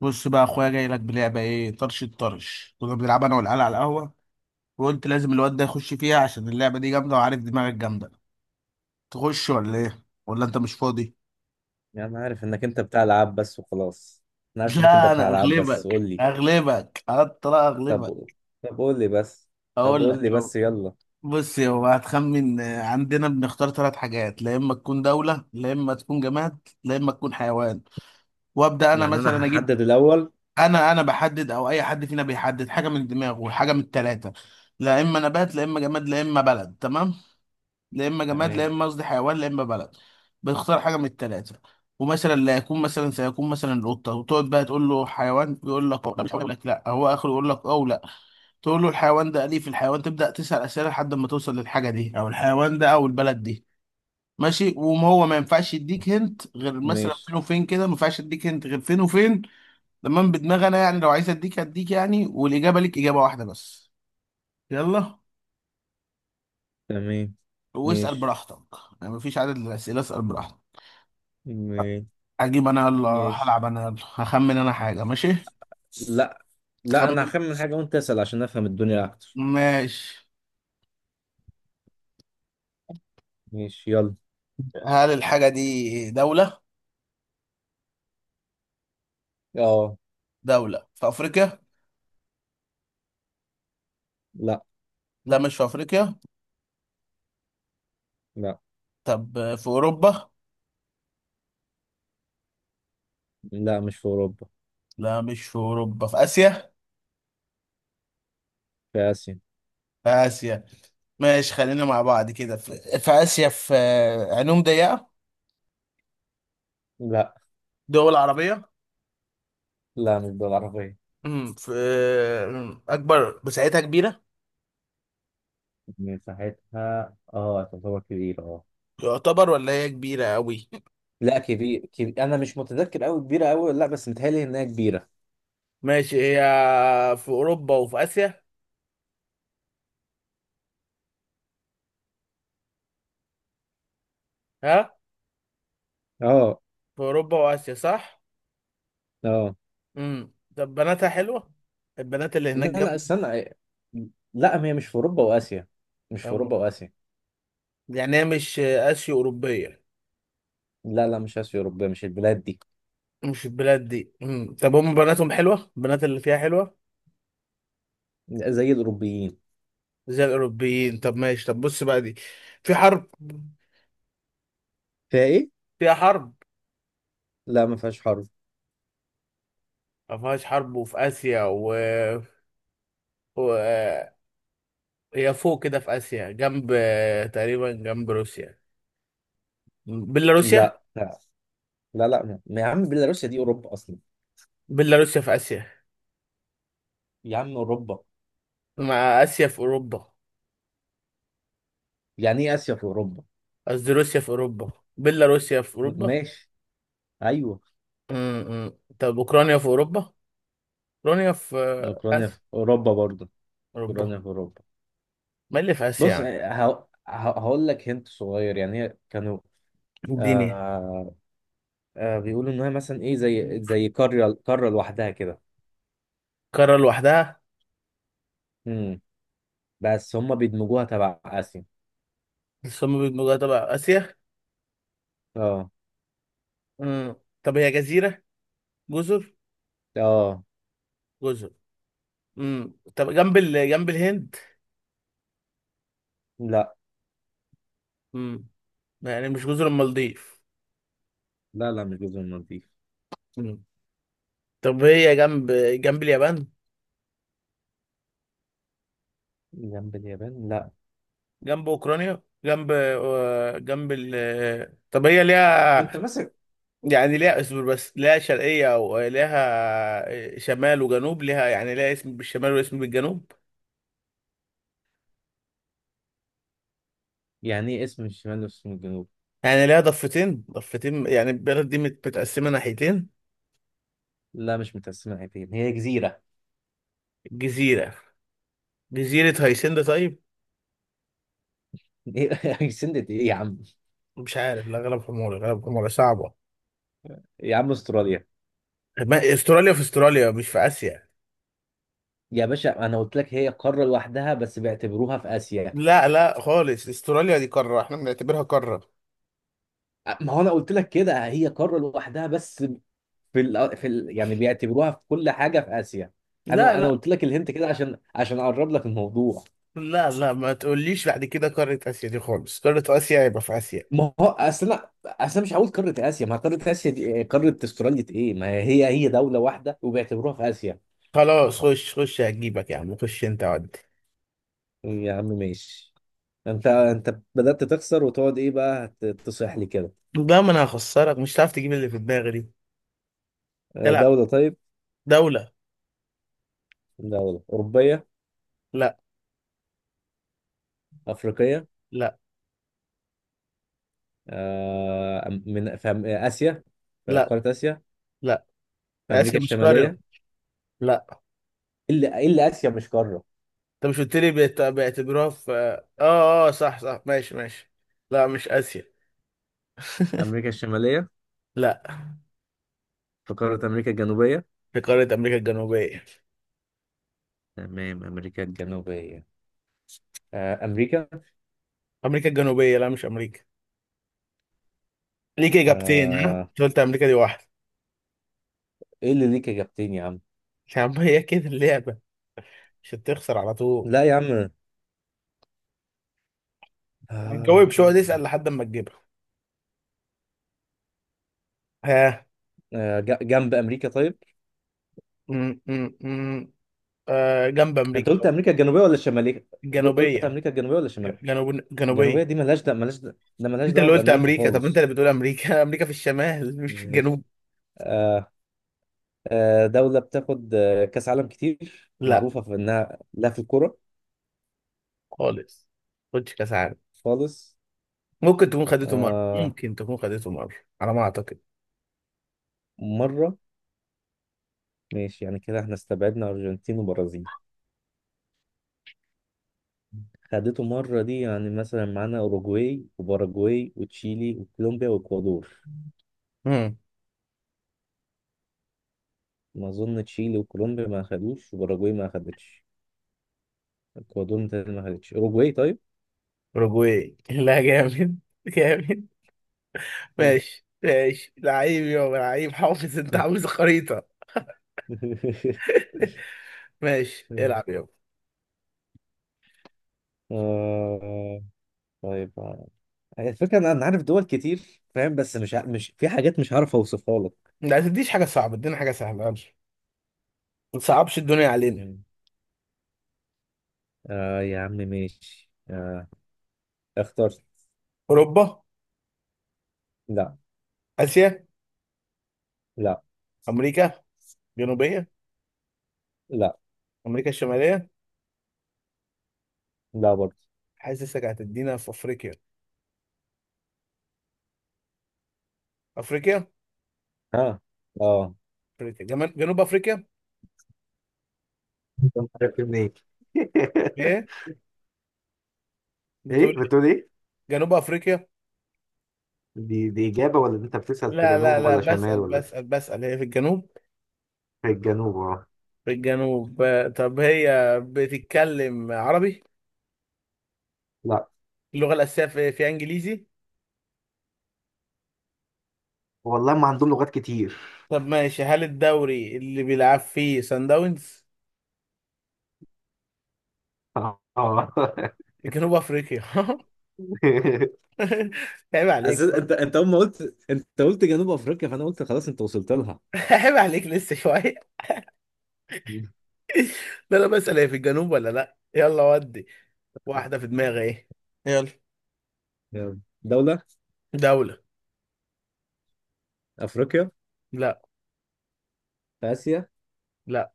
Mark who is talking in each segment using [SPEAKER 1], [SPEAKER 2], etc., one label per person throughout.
[SPEAKER 1] بص بقى يا اخويا، جاي لك بلعبه، ايه؟ الطرش كنا بنلعبها انا والعيال على القهوه، وقلت لازم الواد ده يخش فيها عشان اللعبه دي جامده، وعارف دماغك جامده. تخش ولا ايه؟ ولا انت مش فاضي؟
[SPEAKER 2] يعني انا عارف انك انت بتاع العاب بس وخلاص. انا عارف انك انت
[SPEAKER 1] لا،
[SPEAKER 2] بتاع
[SPEAKER 1] انا
[SPEAKER 2] العاب بس،
[SPEAKER 1] اغلبك
[SPEAKER 2] قول لي.
[SPEAKER 1] اغلبك اطلع
[SPEAKER 2] طب.
[SPEAKER 1] اغلبك.
[SPEAKER 2] طب قول لي بس. طب
[SPEAKER 1] اقول لك
[SPEAKER 2] قول لي
[SPEAKER 1] يو.
[SPEAKER 2] بس يلا.
[SPEAKER 1] بص يا هو، هتخمن. عندنا بنختار ثلاث حاجات: لا اما تكون دوله، لا اما تكون جماد، لا اما تكون حيوان. وابدا انا
[SPEAKER 2] يعني انا
[SPEAKER 1] مثلا اجيب.
[SPEAKER 2] هحدد الاول.
[SPEAKER 1] انا بحدد او اي حد فينا بيحدد حاجه من دماغه، حاجه من الثلاثه: لا اما نبات، لا اما جماد، لا اما بلد. تمام؟ لا اما جماد، لا
[SPEAKER 2] تمام.
[SPEAKER 1] اما قصدي حيوان، لا اما بلد. بتختار حاجه من الثلاثه، ومثلا لا يكون مثلا سيكون مثلا القطه، وتقعد بقى تقول له حيوان، يقول لك لا، يقول لك لا، هو اخره يقول لك او لا. تقول له الحيوان ده اليف، الحيوان، تبدا تسال اسئله لحد ما توصل للحاجه دي او الحيوان ده او البلد دي. ماشي، وما هو ما ينفعش يديك هنت غير مثلا فين
[SPEAKER 2] ماشي.
[SPEAKER 1] وفين كده، ما ينفعش يديك هنت غير فين وفين. تمام؟ بدماغ انا يعني، لو عايز اديك هديك يعني، والاجابه ليك اجابه واحده بس. يلا.
[SPEAKER 2] تمام.
[SPEAKER 1] واسال
[SPEAKER 2] ماشي.
[SPEAKER 1] براحتك، يعني مفيش عدد للاسئله، اسال براحتك.
[SPEAKER 2] ماشي.
[SPEAKER 1] اجيب انا، يلا
[SPEAKER 2] ماشي.
[SPEAKER 1] هلعب انا، يلا هخمن انا حاجة. ماشي.
[SPEAKER 2] لا لا
[SPEAKER 1] خمن.
[SPEAKER 2] انا هخمن حاجة وانت اسأل عشان افهم الدنيا اكتر.
[SPEAKER 1] ماشي.
[SPEAKER 2] ماشي يلا.
[SPEAKER 1] هل الحاجة دي دولة؟
[SPEAKER 2] اه.
[SPEAKER 1] دولة في افريقيا؟
[SPEAKER 2] لا
[SPEAKER 1] لا مش في افريقيا.
[SPEAKER 2] لا
[SPEAKER 1] طب في اوروبا؟
[SPEAKER 2] لا مش في اوروبا،
[SPEAKER 1] لا مش في اوروبا، في اسيا.
[SPEAKER 2] في اسيا.
[SPEAKER 1] في اسيا. ماشي خلينا مع بعض كده، في اسيا، في، عينهم ضيقة؟
[SPEAKER 2] لا
[SPEAKER 1] دول عربية؟
[SPEAKER 2] لا مش دول عربية.
[SPEAKER 1] في، اكبر مساحتها كبيرة؟
[SPEAKER 2] مساحتها اه تعتبر كبيرة اه.
[SPEAKER 1] يعتبر ولا هي كبيرة قوي؟
[SPEAKER 2] لا كبير انا مش متذكر قوي كبيره قوي، لا بس متهيألي انها كبيره.
[SPEAKER 1] ماشي. هي في اوروبا وفي اسيا، ها؟
[SPEAKER 2] اه.
[SPEAKER 1] في اوروبا واسيا، صح؟
[SPEAKER 2] اه.
[SPEAKER 1] طب بناتها حلوه، البنات اللي
[SPEAKER 2] لا
[SPEAKER 1] هناك
[SPEAKER 2] لا
[SPEAKER 1] جامده؟
[SPEAKER 2] استنى. لا هي مش في اوروبا واسيا. مش في
[SPEAKER 1] أم-
[SPEAKER 2] اوروبا واسيا.
[SPEAKER 1] يعني هي مش اسيو اوروبيه،
[SPEAKER 2] لا مش اسيا اوروبيه، مش البلاد دي.
[SPEAKER 1] مش البلاد دي. طب هم بناتهم حلوه، البنات اللي فيها حلوه
[SPEAKER 2] زي الاوروبيين.
[SPEAKER 1] زي الاوروبيين؟ طب ماشي، طب بص بقى، دي في حرب،
[SPEAKER 2] فيها ايه؟
[SPEAKER 1] فيها حرب؟
[SPEAKER 2] لا ما فيهاش حرب.
[SPEAKER 1] ما فيهاش حرب، وفي اسيا و هي فوق كده في اسيا، جنب تقريبا جنب روسيا، بيلاروسيا.
[SPEAKER 2] لا. يا عم بيلاروسيا دي اوروبا اصلا.
[SPEAKER 1] بيلاروسيا في اسيا،
[SPEAKER 2] يا عم اوروبا.
[SPEAKER 1] مع اسيا، في اوروبا.
[SPEAKER 2] يعني ايه اسيا في اوروبا؟
[SPEAKER 1] قصدي روسيا في اوروبا، بيلاروسيا في اوروبا.
[SPEAKER 2] ماشي. ايوه.
[SPEAKER 1] امم طب اوكرانيا في اوروبا، اوكرانيا في
[SPEAKER 2] اوكرانيا في
[SPEAKER 1] اسيا،
[SPEAKER 2] اوروبا برضه.
[SPEAKER 1] اوروبا؟
[SPEAKER 2] اوكرانيا في اوروبا.
[SPEAKER 1] ما اللي في اسيا
[SPEAKER 2] بص
[SPEAKER 1] يعني؟
[SPEAKER 2] ه- هقول لك هنت صغير، يعني هي كانوا
[SPEAKER 1] اديني.
[SPEAKER 2] آه. آه بيقولوا ان هي مثلا ايه زي قاره لوحدها كده.
[SPEAKER 1] قاره لوحدها.
[SPEAKER 2] امم. بس هم بيدمجوها تبع اسيا.
[SPEAKER 1] الصم بيبقى جوه تبع اسيا.
[SPEAKER 2] اه.
[SPEAKER 1] امم طب هي جزيره، جزر؟
[SPEAKER 2] اه.
[SPEAKER 1] جزر. طب جنب جنب الهند؟
[SPEAKER 2] لا
[SPEAKER 1] امم يعني مش جزر المالديف.
[SPEAKER 2] لا مش جزر المالديف.
[SPEAKER 1] امم طب هي جنب اليابان؟
[SPEAKER 2] جنب اليابان لا.
[SPEAKER 1] جنب اوكرانيا، جنب جنب طب هي
[SPEAKER 2] انت
[SPEAKER 1] ليها،
[SPEAKER 2] ماسك؟
[SPEAKER 1] يعني ليها، اصبر بس، ليها شرقية وليها شمال وجنوب، ليها يعني ليها اسم بالشمال واسم بالجنوب؟
[SPEAKER 2] يعني ايه اسم الشمال واسم الجنوب؟
[SPEAKER 1] يعني ليها ضفتين، ضفتين، يعني البلد دي متقسمة ناحيتين.
[SPEAKER 2] لا مش متقسمه حتتين، هي جزيره.
[SPEAKER 1] جزيرة. جزيرة هايسند، طيب.
[SPEAKER 2] ايه سندت ايه يا عم؟
[SPEAKER 1] مش عارف، لا، غلب حمولي صعبة.
[SPEAKER 2] يا عم استراليا.
[SPEAKER 1] ما استراليا، في استراليا مش في آسيا.
[SPEAKER 2] يا باشا انا قلت لك هي قاره لوحدها بس بيعتبروها في اسيا.
[SPEAKER 1] لا لا، خالص استراليا دي قارة، احنا بنعتبرها قارة.
[SPEAKER 2] ما هو انا قلت لك كده، هي قاره لوحدها بس. في ال يعني بيعتبروها في كل حاجه في اسيا.
[SPEAKER 1] لا
[SPEAKER 2] انا
[SPEAKER 1] لا
[SPEAKER 2] قلت لك الهنت كده عشان اقرب لك الموضوع.
[SPEAKER 1] لا لا، ما تقوليش بعد كده قارة آسيا دي، خالص قارة آسيا يبقى في آسيا.
[SPEAKER 2] ما هو اصل أنا مش هقول قاره اسيا، ما هي قاره اسيا دي إيه؟ قاره استراليا ايه، ما هي هي دوله واحده وبيعتبروها في اسيا.
[SPEAKER 1] خلاص خش، خش هجيبك يا عم، خش انت.
[SPEAKER 2] يا عم ماشي. انت بدات تخسر وتقعد ايه بقى تصيح لي كده؟
[SPEAKER 1] لا ما انا هخسرك، مش هتعرف تجيب اللي في دماغي دي.
[SPEAKER 2] آه،
[SPEAKER 1] لا.
[SPEAKER 2] دوله طيب.
[SPEAKER 1] دولة.
[SPEAKER 2] دوله اوروبيه؟
[SPEAKER 1] لا.
[SPEAKER 2] افريقيه؟
[SPEAKER 1] لا.
[SPEAKER 2] آه، من في اسيا؟ في
[SPEAKER 1] لا.
[SPEAKER 2] قاره اسيا؟
[SPEAKER 1] لا.
[SPEAKER 2] في امريكا
[SPEAKER 1] آسيا مش
[SPEAKER 2] الشماليه؟
[SPEAKER 1] قارة.
[SPEAKER 2] إيه
[SPEAKER 1] لا،
[SPEAKER 2] اللي اسيا مش قاره؟
[SPEAKER 1] انت مش قلت لي بيعتبروها في صح صح، ماشي ماشي. لا، مش آسيا.
[SPEAKER 2] امريكا الشماليه؟
[SPEAKER 1] لا،
[SPEAKER 2] في قارة أمريكا الجنوبية.
[SPEAKER 1] في قارة أمريكا الجنوبية.
[SPEAKER 2] تمام أمريكا الجنوبية. آه أمريكا.
[SPEAKER 1] أمريكا الجنوبية، لا مش أمريكا. ليك إجابتين، ها؟
[SPEAKER 2] آه.
[SPEAKER 1] أنت قلت أمريكا، دي واحدة.
[SPEAKER 2] إيه اللي ليك إجابتين يا عم؟
[SPEAKER 1] يا عم هي كده اللعبة، مش هتخسر على طول.
[SPEAKER 2] لا يا عم.
[SPEAKER 1] ما
[SPEAKER 2] آه.
[SPEAKER 1] تجاوبش، اقعد اسأل لحد ما تجيبها، ها؟
[SPEAKER 2] آه، جنب أمريكا طيب.
[SPEAKER 1] م -م -م. آه، جنب
[SPEAKER 2] أنت
[SPEAKER 1] أمريكا
[SPEAKER 2] قلت أمريكا الجنوبية ولا الشمالية؟ قلت
[SPEAKER 1] الجنوبية.
[SPEAKER 2] أمريكا الجنوبية ولا الشمالية؟
[SPEAKER 1] جنوب،
[SPEAKER 2] الجنوبية
[SPEAKER 1] جنوبية.
[SPEAKER 2] دي ملهاش ده، ملهاش
[SPEAKER 1] انت
[SPEAKER 2] دعوة
[SPEAKER 1] اللي قلت
[SPEAKER 2] بأمريكا
[SPEAKER 1] امريكا، طب انت
[SPEAKER 2] خالص.
[SPEAKER 1] اللي بتقول امريكا، امريكا في الشمال مش في
[SPEAKER 2] ماشي.
[SPEAKER 1] الجنوب.
[SPEAKER 2] آه. آه دولة بتاخد آه، كأس عالم، كتير
[SPEAKER 1] لا.
[SPEAKER 2] معروفة في إنها لا في الكورة.
[SPEAKER 1] خالص. خدش كاس عالم.
[SPEAKER 2] خالص.
[SPEAKER 1] ممكن تكون خدته مره،
[SPEAKER 2] آه.
[SPEAKER 1] ممكن تكون خدته مره، على ما اعتقد.
[SPEAKER 2] مرة. ماشي، يعني كده احنا استبعدنا أرجنتين وبرازيل. خدته مرة دي، يعني مثلا معانا أوروجواي وباراجواي وتشيلي وكولومبيا وإكوادور.
[SPEAKER 1] امم
[SPEAKER 2] ما أظن تشيلي وكولومبيا ما أخدوش، وباراجواي ما أخدتش. إكوادور متهيألي ما أخدتش، أوروجواي طيب.
[SPEAKER 1] اوروجواي. لا، جامد جامد. ماشي ماشي، لعيب يابا، لعيب حافظ، انت عامل زي خريطه. ماشي، العب يابا.
[SPEAKER 2] آه طيب آه. الفكرة إن أنا عارف دول كتير فاهم، بس مش في حاجات مش عارف أوصفها لك.
[SPEAKER 1] لا تديش حاجه صعبه، ادينا حاجه سهله، يلا. ما تصعبش الدنيا علينا.
[SPEAKER 2] مم. آه يا عم ماشي. آه. اخترت.
[SPEAKER 1] اوروبا؟
[SPEAKER 2] لا.
[SPEAKER 1] اسيا؟
[SPEAKER 2] لا.
[SPEAKER 1] امريكا جنوبيه؟
[SPEAKER 2] لا.
[SPEAKER 1] امريكا الشماليه؟
[SPEAKER 2] لا برضه.
[SPEAKER 1] حاسسك هتدينا في افريقيا. افريقيا؟
[SPEAKER 2] ها. اه.
[SPEAKER 1] افريقيا جنوب افريقيا.
[SPEAKER 2] انت عارف منين؟
[SPEAKER 1] ايه
[SPEAKER 2] ايه
[SPEAKER 1] بتقول؟ إيه؟
[SPEAKER 2] بتقول؟
[SPEAKER 1] جنوب افريقيا.
[SPEAKER 2] دي دي إجابة ولا دي أنت بتسأل في
[SPEAKER 1] لا
[SPEAKER 2] جنوب
[SPEAKER 1] لا لا،
[SPEAKER 2] ولا شمال
[SPEAKER 1] بسأل
[SPEAKER 2] ولا في؟
[SPEAKER 1] بسأل بسأل، هي في الجنوب.
[SPEAKER 2] الجنوب أه.
[SPEAKER 1] في الجنوب. طب هي بتتكلم عربي؟
[SPEAKER 2] لا
[SPEAKER 1] اللغة الأساسية في انجليزي؟
[SPEAKER 2] والله ما عندهم لغات كتير.
[SPEAKER 1] طب ماشي، هل الدوري اللي بيلعب فيه سان داونز
[SPEAKER 2] أه
[SPEAKER 1] في جنوب افريقيا؟ عيب عليك
[SPEAKER 2] أساس انت
[SPEAKER 1] برضه.
[SPEAKER 2] انت اول ما قلت، انت قلت جنوب افريقيا، فانا قلت خلاص انت وصلت لها.
[SPEAKER 1] عيب عليك، لسه شوية. لا لا، بسأل هي في الجنوب ولا لا. يلا، ودي واحدة في دماغي، ايه يلا؟
[SPEAKER 2] يلا. دولة.
[SPEAKER 1] دولة.
[SPEAKER 2] افريقيا؟
[SPEAKER 1] لا.
[SPEAKER 2] في اسيا؟
[SPEAKER 1] لا،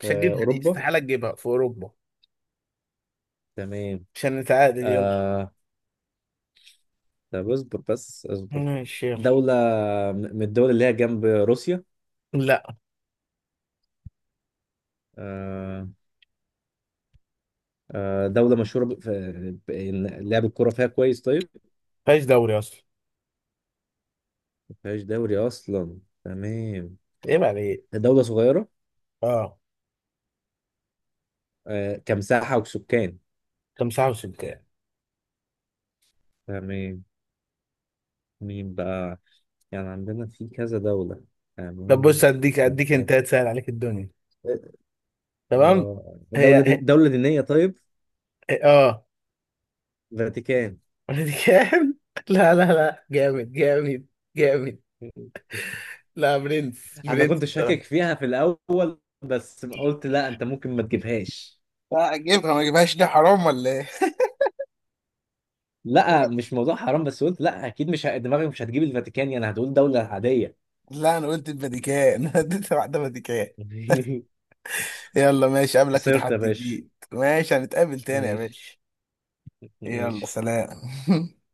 [SPEAKER 1] مش
[SPEAKER 2] في
[SPEAKER 1] هتجيبها دي،
[SPEAKER 2] اوروبا.
[SPEAKER 1] استحالة تجيبها. في أوروبا،
[SPEAKER 2] تمام.
[SPEAKER 1] عشان نتعادل، يلا.
[SPEAKER 2] آه طب اصبر بس.
[SPEAKER 1] ماشي، يلا.
[SPEAKER 2] دولة من الدول اللي هي جنب روسيا.
[SPEAKER 1] لا
[SPEAKER 2] آه. آه دولة مشهورة إن لعب الكورة فيها كويس طيب.
[SPEAKER 1] فيهاش دوري اصلا.
[SPEAKER 2] مفيهاش دوري اصلا، تمام.
[SPEAKER 1] ايه بقى، ايه؟
[SPEAKER 2] دولة صغيرة.
[SPEAKER 1] اه.
[SPEAKER 2] آه كمساحة وسكان.
[SPEAKER 1] تمسحه وسلكاه.
[SPEAKER 2] تمام. مين بقى؟ يعني عندنا في كذا دولة.
[SPEAKER 1] طب
[SPEAKER 2] تمام.
[SPEAKER 1] بص، اديك انت
[SPEAKER 2] مفيهاش-
[SPEAKER 1] تسهل عليك الدنيا. تمام.
[SPEAKER 2] آه،
[SPEAKER 1] هي, هي...
[SPEAKER 2] دولة دينية طيب.
[SPEAKER 1] هي... اه
[SPEAKER 2] فاتيكان.
[SPEAKER 1] كام. لا لا لا، جامد جامد جامد. لا، برنس
[SPEAKER 2] انا
[SPEAKER 1] برنس،
[SPEAKER 2] كنت شاكك
[SPEAKER 1] بصراحه.
[SPEAKER 2] فيها في الاول بس قلت لا انت ممكن ما تجيبهاش.
[SPEAKER 1] لا، اجيبها، ما اجيبهاش، دي حرام ولا ايه؟
[SPEAKER 2] لا مش موضوع حرام، بس قلت لا اكيد مش ه- دماغي مش هتجيب الفاتيكان، يعني هتقول دولة عادية.
[SPEAKER 1] لا انا قلت الفاتيكان. انا اديت واحده فاتيكان. يلا ماشي، اقابلك في
[SPEAKER 2] خسرت يا
[SPEAKER 1] تحدي
[SPEAKER 2] باشا.
[SPEAKER 1] جديد، ماشي، هنتقابل تاني يا
[SPEAKER 2] ماشي.
[SPEAKER 1] باشا. يلا
[SPEAKER 2] ماشي.
[SPEAKER 1] سلام.